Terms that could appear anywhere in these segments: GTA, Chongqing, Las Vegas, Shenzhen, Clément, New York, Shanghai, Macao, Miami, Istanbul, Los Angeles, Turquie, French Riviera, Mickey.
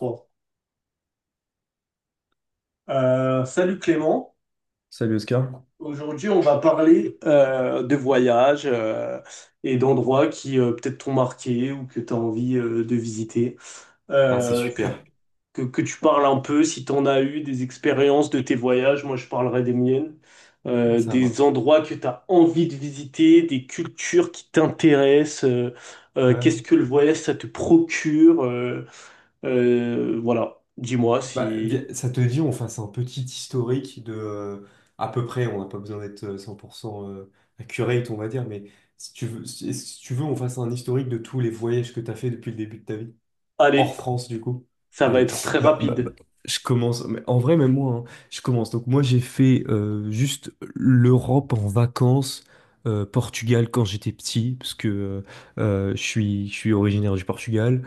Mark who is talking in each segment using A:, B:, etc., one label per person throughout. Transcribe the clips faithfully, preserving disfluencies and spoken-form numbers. A: Bon. Euh, salut Clément.
B: Salut Oscar.
A: Aujourd'hui, on va parler euh, de voyages euh, et d'endroits qui euh, peut-être t'ont marqué ou que tu as envie euh, de visiter.
B: Ah, c'est
A: Euh, que,
B: super,
A: que, que tu parles un peu si tu en as eu des expériences de tes voyages. Moi, je parlerai des miennes. Euh,
B: ça
A: des
B: marche.
A: endroits que tu as envie de visiter, des cultures qui t'intéressent. euh, euh, qu'est-ce
B: Ouais.
A: que le voyage, ça te procure. euh, euh, voilà. Dis-moi
B: Bah,
A: si...
B: vi- ça te dit, on fasse un petit historique de euh, à peu près, on n'a pas besoin d'être euh, cent pour cent euh, accurate, on va dire, mais si tu veux, si, si tu veux, on fasse un historique de tous les voyages que tu as fait depuis le début de ta vie. Hors
A: Allez.
B: France, du coup.
A: Ça va
B: Allez,
A: être très
B: bah, bah, bah,
A: rapide.
B: je commence. Mais en vrai, même moi, hein, je commence. Donc, moi, j'ai fait euh, juste l'Europe en vacances, euh, Portugal quand j'étais petit, parce que euh, euh, je suis, je suis originaire du Portugal.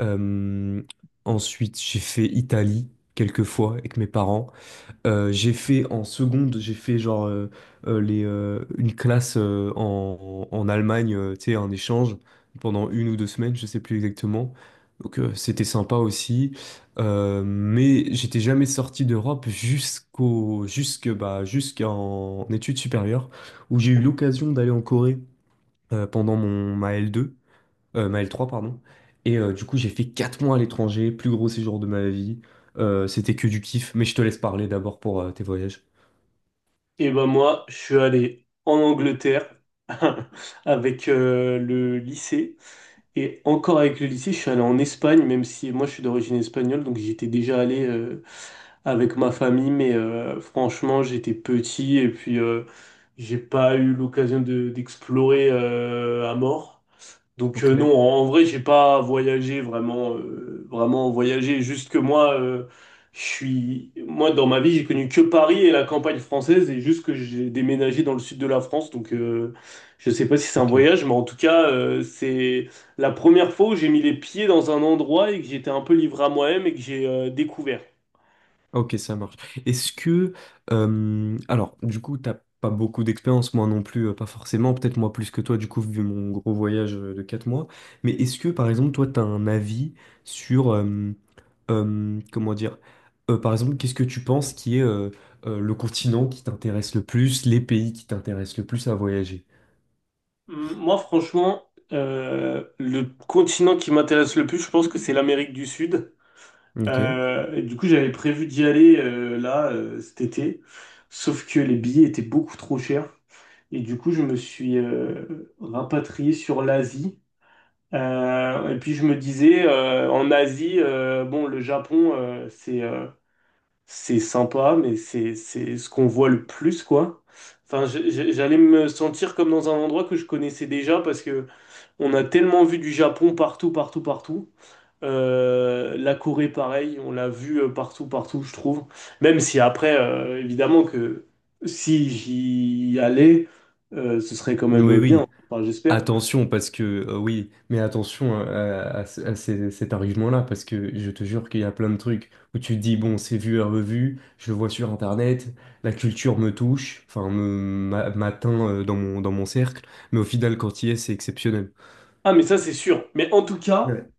B: Euh, Ensuite, j'ai fait Italie quelques fois avec mes parents. Euh, j'ai fait en seconde, j'ai fait genre euh, euh, les, euh, une classe euh, en, en Allemagne, euh, tu sais, un échange pendant une ou deux semaines, je sais plus exactement. Donc euh, c'était sympa aussi. Euh, mais j'étais jamais sorti d'Europe jusqu'au, jusque, bah, jusqu'en études supérieures, où j'ai eu l'occasion d'aller en Corée euh, pendant mon, ma L deux. Euh, ma l trois pardon. Et euh, du coup, j'ai fait quatre mois à l'étranger, plus gros séjour de ma vie. Euh, c'était que du kiff, mais je te laisse parler d'abord pour euh, tes voyages.
A: Et ben moi, je suis allé en Angleterre avec euh, le lycée. Et encore avec le lycée, je suis allé en Espagne, même si moi je suis d'origine espagnole, donc j'étais déjà allé euh, avec ma famille, mais euh, franchement, j'étais petit et puis euh, j'ai pas eu l'occasion de- d'explorer euh, à mort. Donc euh,
B: Ok,
A: non, en en vrai, j'ai pas voyagé vraiment, euh, vraiment voyagé. Juste que moi, euh, je suis, moi dans ma vie, j'ai connu que Paris et la campagne française, et juste que j'ai déménagé dans le sud de la France. Donc euh, je sais pas si c'est un
B: ok.
A: voyage, mais en tout cas, euh, c'est la première fois où j'ai mis les pieds dans un endroit et que j'étais un peu livré à moi-même et que j'ai euh, découvert.
B: Ok, ça marche. Est-ce que... euh, alors, du coup, t'as pas beaucoup d'expérience, moi non plus, euh, pas forcément, peut-être moi plus que toi, du coup, vu mon gros voyage euh, de quatre mois. Mais est-ce que, par exemple, toi, t'as un avis sur... euh, euh, comment dire? Euh, par exemple, qu'est-ce que tu penses qui est euh, euh, le continent qui t'intéresse le plus, les pays qui t'intéressent le plus à voyager?
A: Hum, Moi, franchement, euh, le continent qui m'intéresse le plus, je pense que c'est l'Amérique du Sud.
B: Ok.
A: Euh, et du coup, j'avais prévu d'y aller euh, là euh, cet été, sauf que les billets étaient beaucoup trop chers. Et du coup, je me suis euh, rapatrié sur l'Asie. Euh, et puis, je me disais, euh, en Asie, euh, bon, le Japon, euh, c'est euh, c'est sympa, mais c'est c'est ce qu'on voit le plus, quoi. Enfin, je- je- j'allais me sentir comme dans un endroit que je connaissais déjà parce que on a tellement vu du Japon partout, partout, partout. Euh, la Corée, pareil, on l'a vu euh, partout, partout, je trouve. Même si après, euh, évidemment que si j'y allais, euh, ce serait quand
B: Oui,
A: même bien.
B: oui.
A: Enfin, j'espère.
B: Attention, parce que euh, oui, mais attention à, à à ce- à ces- cet argument-là, parce que je te jure qu'il y a plein de trucs où tu te dis, bon, c'est vu et revu, je le vois sur Internet, la culture me touche, enfin, me m'a- m'atteint euh, dans mon, dans mon cercle, mais au final, quand il y est, c'est exceptionnel.
A: Ah, mais ça, c'est sûr. Mais en tout cas,
B: Ouais,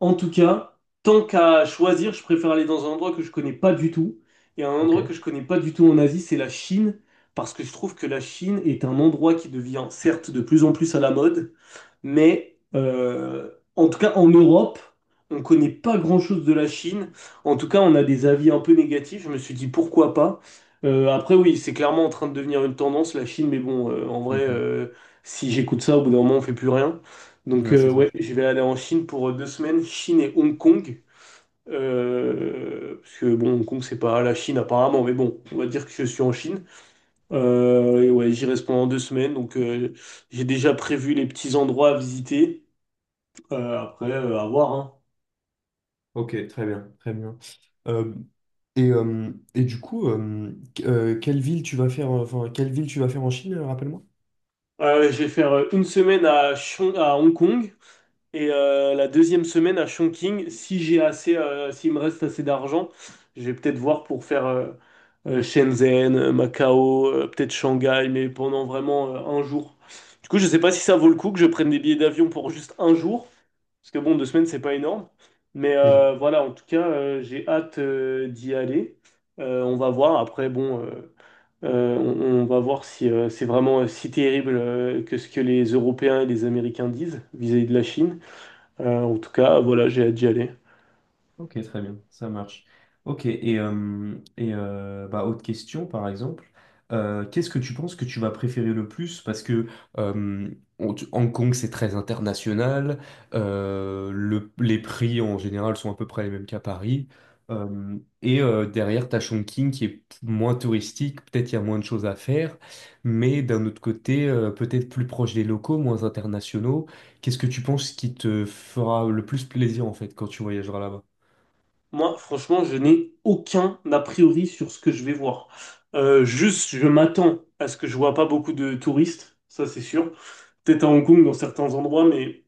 A: en tout cas, tant qu'à choisir, je préfère aller dans un endroit que je connais pas du tout. Et un
B: ok.
A: endroit que je connais pas du tout en Asie, c'est la Chine. Parce que je trouve que la Chine est un endroit qui devient certes de plus en plus à la mode, mais euh, en tout cas, en Europe, on connaît pas grand-chose de la Chine. En tout cas, on a des avis un peu négatifs. Je me suis dit pourquoi pas. Euh, après, oui, c'est clairement en train de devenir une tendance, la Chine. Mais bon, euh, en vrai,
B: Mhm.
A: euh, si j'écoute ça, au bout d'un moment, on fait plus rien. Donc,
B: Ouais,
A: euh,
B: c'est vrai.
A: ouais, je vais aller en Chine pour euh, deux semaines, Chine et Hong Kong. Euh, parce que bon, Hong Kong, c'est pas la Chine apparemment, mais bon, on va dire que je suis en Chine. Euh, et ouais, j'y reste pendant deux semaines, donc euh, j'ai déjà prévu les petits endroits à visiter. Euh, après, euh, à voir, hein.
B: Ok, très bien, très bien. Euh, et, euh, et du coup, euh, qu- euh, quelle ville tu vas faire, euh, enfin, quelle ville tu vas faire en Chine, euh, rappelle-moi?
A: Euh, je vais faire euh, une semaine à, Shon- à Hong Kong et euh, la deuxième semaine à Chongqing. Si j'ai assez, euh, s'il me reste assez d'argent, je vais peut-être voir pour faire euh, euh, Shenzhen, euh, Macao, euh, peut-être Shanghai, mais pendant vraiment euh, un jour. Du coup, je sais pas si ça vaut le coup que je prenne des billets d'avion pour juste un jour, parce que bon, deux semaines, c'est pas énorme. Mais euh, voilà, en tout cas, euh, j'ai hâte euh, d'y aller. Euh, on va voir. Après, bon. euh, Euh, on, on va voir si euh, c'est vraiment euh, si terrible euh, que ce que les Européens et les Américains disent vis-à-vis de la Chine. Euh, en tout cas, voilà, j'ai hâte d'y aller.
B: Ok, très bien, ça marche. Ok, et, euh, et euh, bah, autre question, par exemple, Euh, qu'est-ce que tu penses que tu vas préférer le plus? Parce que euh, on- tu- Hong Kong, c'est très international, euh, le- les prix en général sont à peu près les mêmes qu'à Paris. Euh, et euh, Derrière, t'as Chongqing qui est moins touristique, peut-être il y a moins de choses à faire, mais d'un autre côté, euh, peut-être plus proche des locaux, moins internationaux. Qu'est-ce que tu penses qui te fera le plus plaisir en fait quand tu voyageras là-bas?
A: Moi, franchement, je n'ai aucun a priori sur ce que je vais voir. Euh, juste, je m'attends à ce que je vois pas beaucoup de touristes, ça c'est sûr. Peut-être à Hong Kong dans certains endroits, mais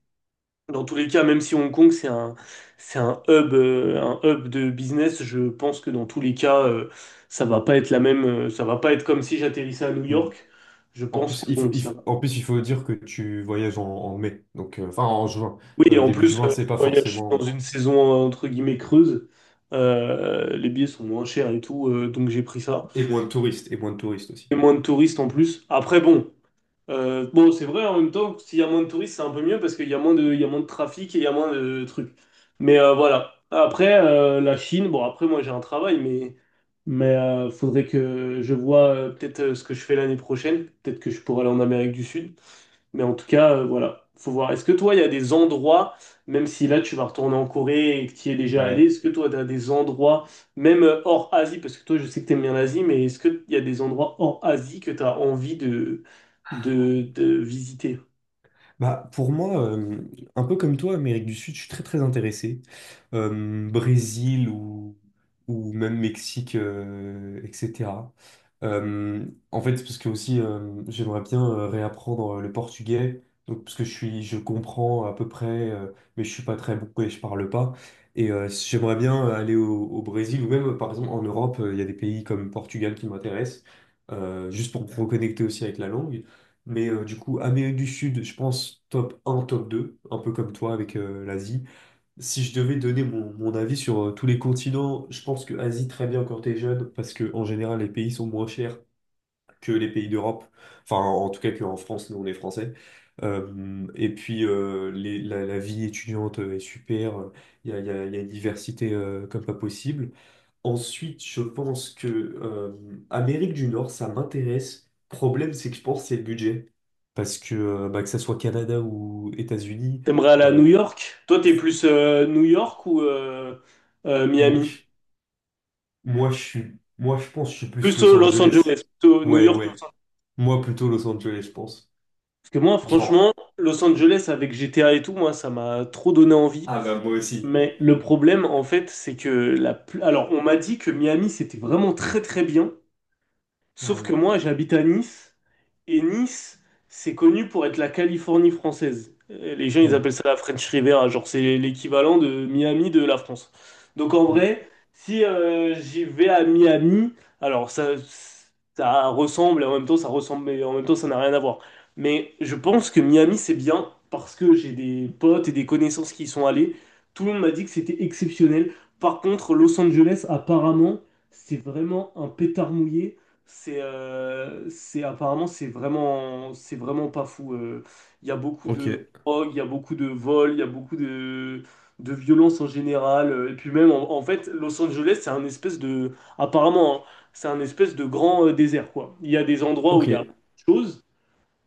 A: dans tous les cas, même si Hong Kong, c'est un, c'est un hub, euh, un hub de business, je pense que dans tous les cas, euh, ça va pas être la même, euh, ça va pas être comme si j'atterrissais à New
B: Hmm.
A: York. Je
B: En
A: pense
B: plus,
A: que
B: il faut,
A: bon,
B: il
A: ça
B: faut-
A: va.
B: en plus, il faut dire que tu voyages en, en mai, donc euh, enfin en juin.
A: Oui, et
B: Euh,
A: en
B: début
A: plus,
B: juin,
A: euh, je
B: c'est pas
A: voyage dans
B: forcément.
A: une saison euh, entre guillemets creuse. Euh, les billets sont moins chers et tout, euh, donc j'ai pris ça.
B: Et moins de touristes, et moins de touristes aussi.
A: Et moins de touristes en plus. Après, bon. Euh, bon, c'est vrai, en même temps, s'il y a moins de touristes, c'est un peu mieux parce qu'il y a moins de, il y a moins de trafic et il y a moins de trucs. Mais euh, voilà. Après, euh, la Chine, bon, après, moi, j'ai un travail, mais, mais euh, faudrait que je vois euh, peut-être euh, ce que je fais l'année prochaine. Peut-être que je pourrais aller en Amérique du Sud. Mais en tout cas, euh, voilà, faut voir. Est-ce que toi, il y a des endroits, même si là tu vas retourner en Corée et que tu y es déjà allé,
B: Ouais.
A: est-ce que toi, tu as des endroits, même euh, hors Asie, parce que toi, je sais que tu aimes bien l'Asie, mais est-ce qu'il y a des endroits hors Asie que tu as envie de, de, de visiter?
B: Bah, pour moi, euh, un peu comme toi, Amérique du Sud, je suis très très intéressé. Euh, Brésil ou, ou même Mexique, euh, et cætera. Euh, En fait, parce que aussi, euh, j'aimerais bien euh, réapprendre le portugais. Donc, parce que je suis, je comprends à peu près, euh, mais je suis pas très bon et je parle pas. Et euh, j'aimerais bien aller au, au Brésil ou même, par exemple, en Europe, euh, il y a des pays comme Portugal qui m'intéressent, euh, juste pour me reconnecter aussi avec la langue. Mais euh, du coup, Amérique du Sud, je pense top un top deux un peu comme toi avec euh, l'Asie. Si je devais donner mon, mon avis sur euh, tous les continents, je pense que Asie très bien quand t'es jeune, parce que en général les pays sont moins chers que les pays d'Europe. Enfin, en tout cas qu'en France, nous on est français. Euh, et puis euh, les- la, la vie étudiante euh, est super, il y a, y a- y a une diversité euh, comme pas possible. Ensuite, je pense que euh, Amérique du Nord, ça m'intéresse. Problème, c'est que je pense que c'est le budget. Parce que, euh, bah, que ça soit Canada ou États-Unis,
A: T'aimerais aller à
B: euh,
A: New York? Toi, t'es plus euh, New York ou euh, euh,
B: moi,
A: Miami?
B: je, moi, je suis, moi, je pense que je suis plus
A: Plus
B: Los
A: euh, Los
B: Angeles.
A: Angeles, plutôt New
B: Ouais,
A: York, Los
B: ouais.
A: Angeles.
B: Moi, plutôt Los Angeles, je pense.
A: Parce que moi,
B: Genre,
A: franchement, Los Angeles avec G T A et tout, moi, ça m'a trop donné envie.
B: ah bah moi aussi.
A: Mais le problème, en fait, c'est que la... pl- alors, on m'a dit que Miami, c'était vraiment très très bien,
B: Ah
A: sauf que
B: oui.
A: moi, j'habite à Nice, et Nice, c'est connu pour être la Californie française. Euh, Les gens, ils
B: Ouais,
A: appellent ça la French Riviera, genre c'est l'équivalent de Miami de la France. Donc en
B: ouais.
A: vrai, si euh, j'y vais à Miami, alors ça, ça ressemble, et en même temps ça ressemble, mais en même temps ça n'a rien à voir. Mais je pense que Miami, c'est bien parce que j'ai des potes et des connaissances qui y sont allés. Tout le monde m'a dit que c'était exceptionnel. Par contre, Los Angeles, apparemment, c'est vraiment un pétard mouillé. C'est euh, c'est apparemment c'est vraiment c'est vraiment pas fou. euh. Il y a beaucoup
B: Ok,
A: de drogue, il y a beaucoup de vols, il y a beaucoup de de violence en général. euh, Et puis même en, en fait Los Angeles c'est un espèce de apparemment hein, c'est un espèce de grand euh, désert quoi. Il y a des endroits où
B: ok,
A: il y a beaucoup de choses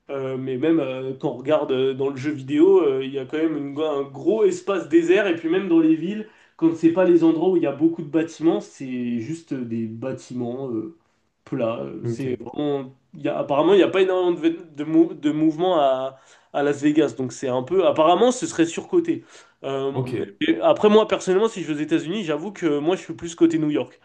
A: euh, mais même euh, quand on regarde euh, dans le jeu vidéo, euh, il y a quand même une- un gros espace désert. Et puis même dans les villes, quand c'est pas les endroits où il y a beaucoup de bâtiments, c'est juste des bâtiments euh, plats. Euh, C'est
B: ok,
A: vraiment, il y a, apparemment, il n'y a pas énormément de, de, mou- de mouvement à, à Las Vegas. Donc c'est un peu... Apparemment, ce serait surcoté. Euh,
B: ok.
A: et après, moi, personnellement, si je vais aux États-Unis, j'avoue que moi, je suis plus côté New York.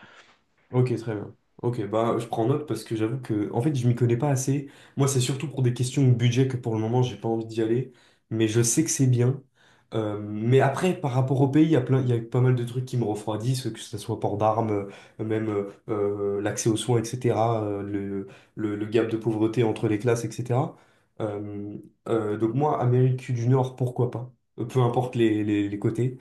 B: Ok, très bien. Ok, bah je prends note parce que j'avoue que en fait je m'y connais pas assez. Moi, c'est surtout pour des questions de budget que pour le moment j'ai pas envie d'y aller, mais je sais que c'est bien. Euh, mais après, par rapport au pays, il y a plein, il y a pas mal de trucs qui me refroidissent, que ce soit port d'armes, euh, même euh, euh, l'accès aux soins, et cætera, euh, le, le, le gap de pauvreté entre les classes, et cætera. Euh, euh, donc moi, Amérique du Nord, pourquoi pas? Euh, Peu importe les, les les côtés.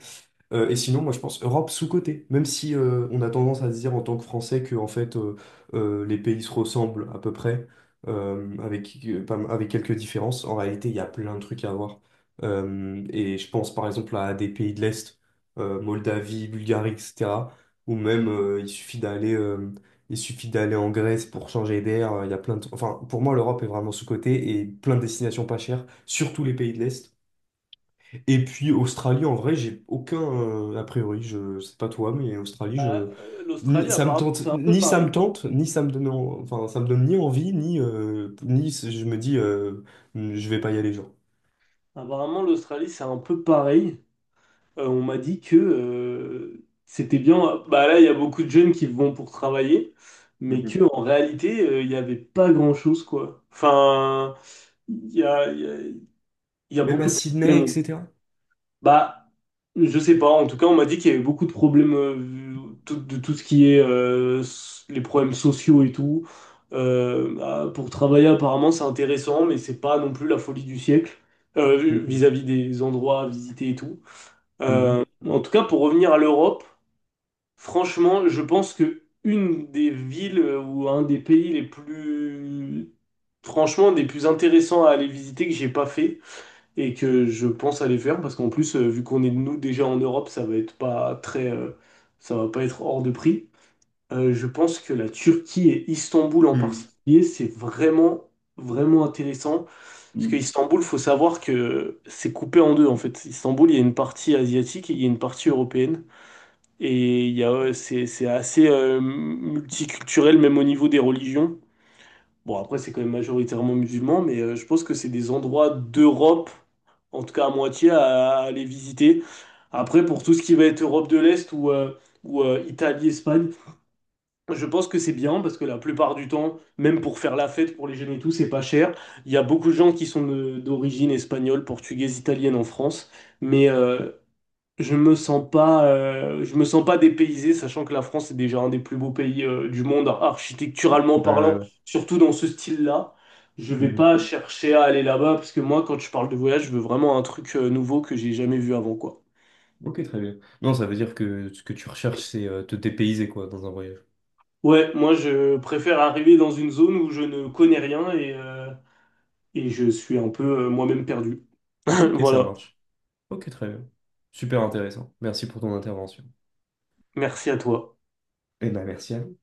B: Euh, et sinon, moi, je pense Europe sous-cotée. Même si euh, on a tendance à se dire en tant que Français que en fait euh, euh, les pays se ressemblent à peu près, euh, avec, euh, pas- avec quelques différences, en réalité, il y a plein de trucs à voir. Euh, et je pense par exemple à des pays de l'Est, euh, Moldavie, Bulgarie, et cætera. Ou même euh, il suffit d'aller euh, il suffit d'aller en Grèce pour changer d'air. euh, Il y a plein de... Enfin, pour moi, l'Europe est vraiment sous-cotée et plein de destinations pas chères, surtout les pays de l'Est. Et puis Australie, en vrai, j'ai aucun euh, a priori. Je sais pas toi, mais Australie,
A: Euh,
B: je ni-
A: L'Australie,
B: ça me
A: apparemment,
B: tente,
A: c'est un peu
B: ni ça me
A: pareil.
B: tente, ni ça me donne, en- enfin ça me donne ni envie, ni euh, ni c- je me dis euh, je vais pas y aller, genre.
A: Apparemment, l'Australie, c'est un peu pareil. Euh, on m'a dit que euh, c'était bien. Bah là, il y a beaucoup de jeunes qui vont pour travailler, mais que
B: Mhm.
A: en réalité, euh, il n'y avait pas grand-chose, quoi. Enfin, il y a, il y a- il y a
B: Même à
A: beaucoup de
B: Sydney,
A: problèmes.
B: et cætera.
A: Bah, je sais pas. En tout cas, on m'a dit qu'il y avait beaucoup de problèmes euh, tout- de tout ce qui est euh, s- les problèmes sociaux et tout. Euh, bah, pour travailler, apparemment, c'est intéressant, mais c'est pas non plus la folie du siècle euh,
B: Ok.
A: vis-à-vis des endroits à visiter et tout. Euh,
B: Mhm.
A: en tout cas, pour revenir à l'Europe, franchement, je pense que une des villes euh, ou un des pays les plus, franchement, des plus intéressants à aller visiter que j'ai pas fait et que je pense aller faire parce qu'en plus, euh, vu qu'on est nous déjà en Europe, ça va être pas très, euh, ça va pas être hors de prix. Euh, je pense que la Turquie et Istanbul en
B: Mhm.
A: particulier, c'est vraiment, vraiment intéressant. Parce que
B: Mhm.
A: Istanbul, faut savoir que c'est coupé en deux, en fait. Istanbul, il y a une partie asiatique et il y a une partie européenne. Et il y a, euh, c'est, c'est assez euh, multiculturel, même au niveau des religions. Bon, après, c'est quand même majoritairement musulman, mais euh, je pense que c'est des endroits d'Europe, en tout cas à moitié, à, à aller visiter. Après, pour tout ce qui va être Europe de l'Est ou, euh, ou euh, Italie, Espagne, je pense que c'est bien parce que la plupart du temps, même pour faire la fête pour les jeunes et tout, c'est pas cher. Il y a beaucoup de gens qui sont de- d'origine espagnole, portugaise, italienne en France, mais euh, je me sens pas, euh, je me sens pas dépaysé, sachant que la France est déjà un des plus beaux pays euh, du monde architecturalement
B: Ouais, ouais,
A: parlant,
B: ouais.
A: surtout dans ce style-là. Je vais
B: Mhm.
A: pas chercher à aller là-bas parce que moi, quand je parle de voyage, je veux vraiment un truc euh, nouveau que j'ai jamais vu avant, quoi.
B: Ok, très bien. Non, ça veut dire que ce que tu recherches, c'est euh, te dépayser, quoi, dans un voyage.
A: Ouais, moi je préfère arriver dans une zone où je ne connais rien et euh, et je suis un peu euh, moi-même perdu.
B: Ok, ça
A: Voilà,
B: marche. Ok, très bien. Super intéressant. Merci pour ton intervention.
A: merci à toi.
B: Eh ben, merci à toi.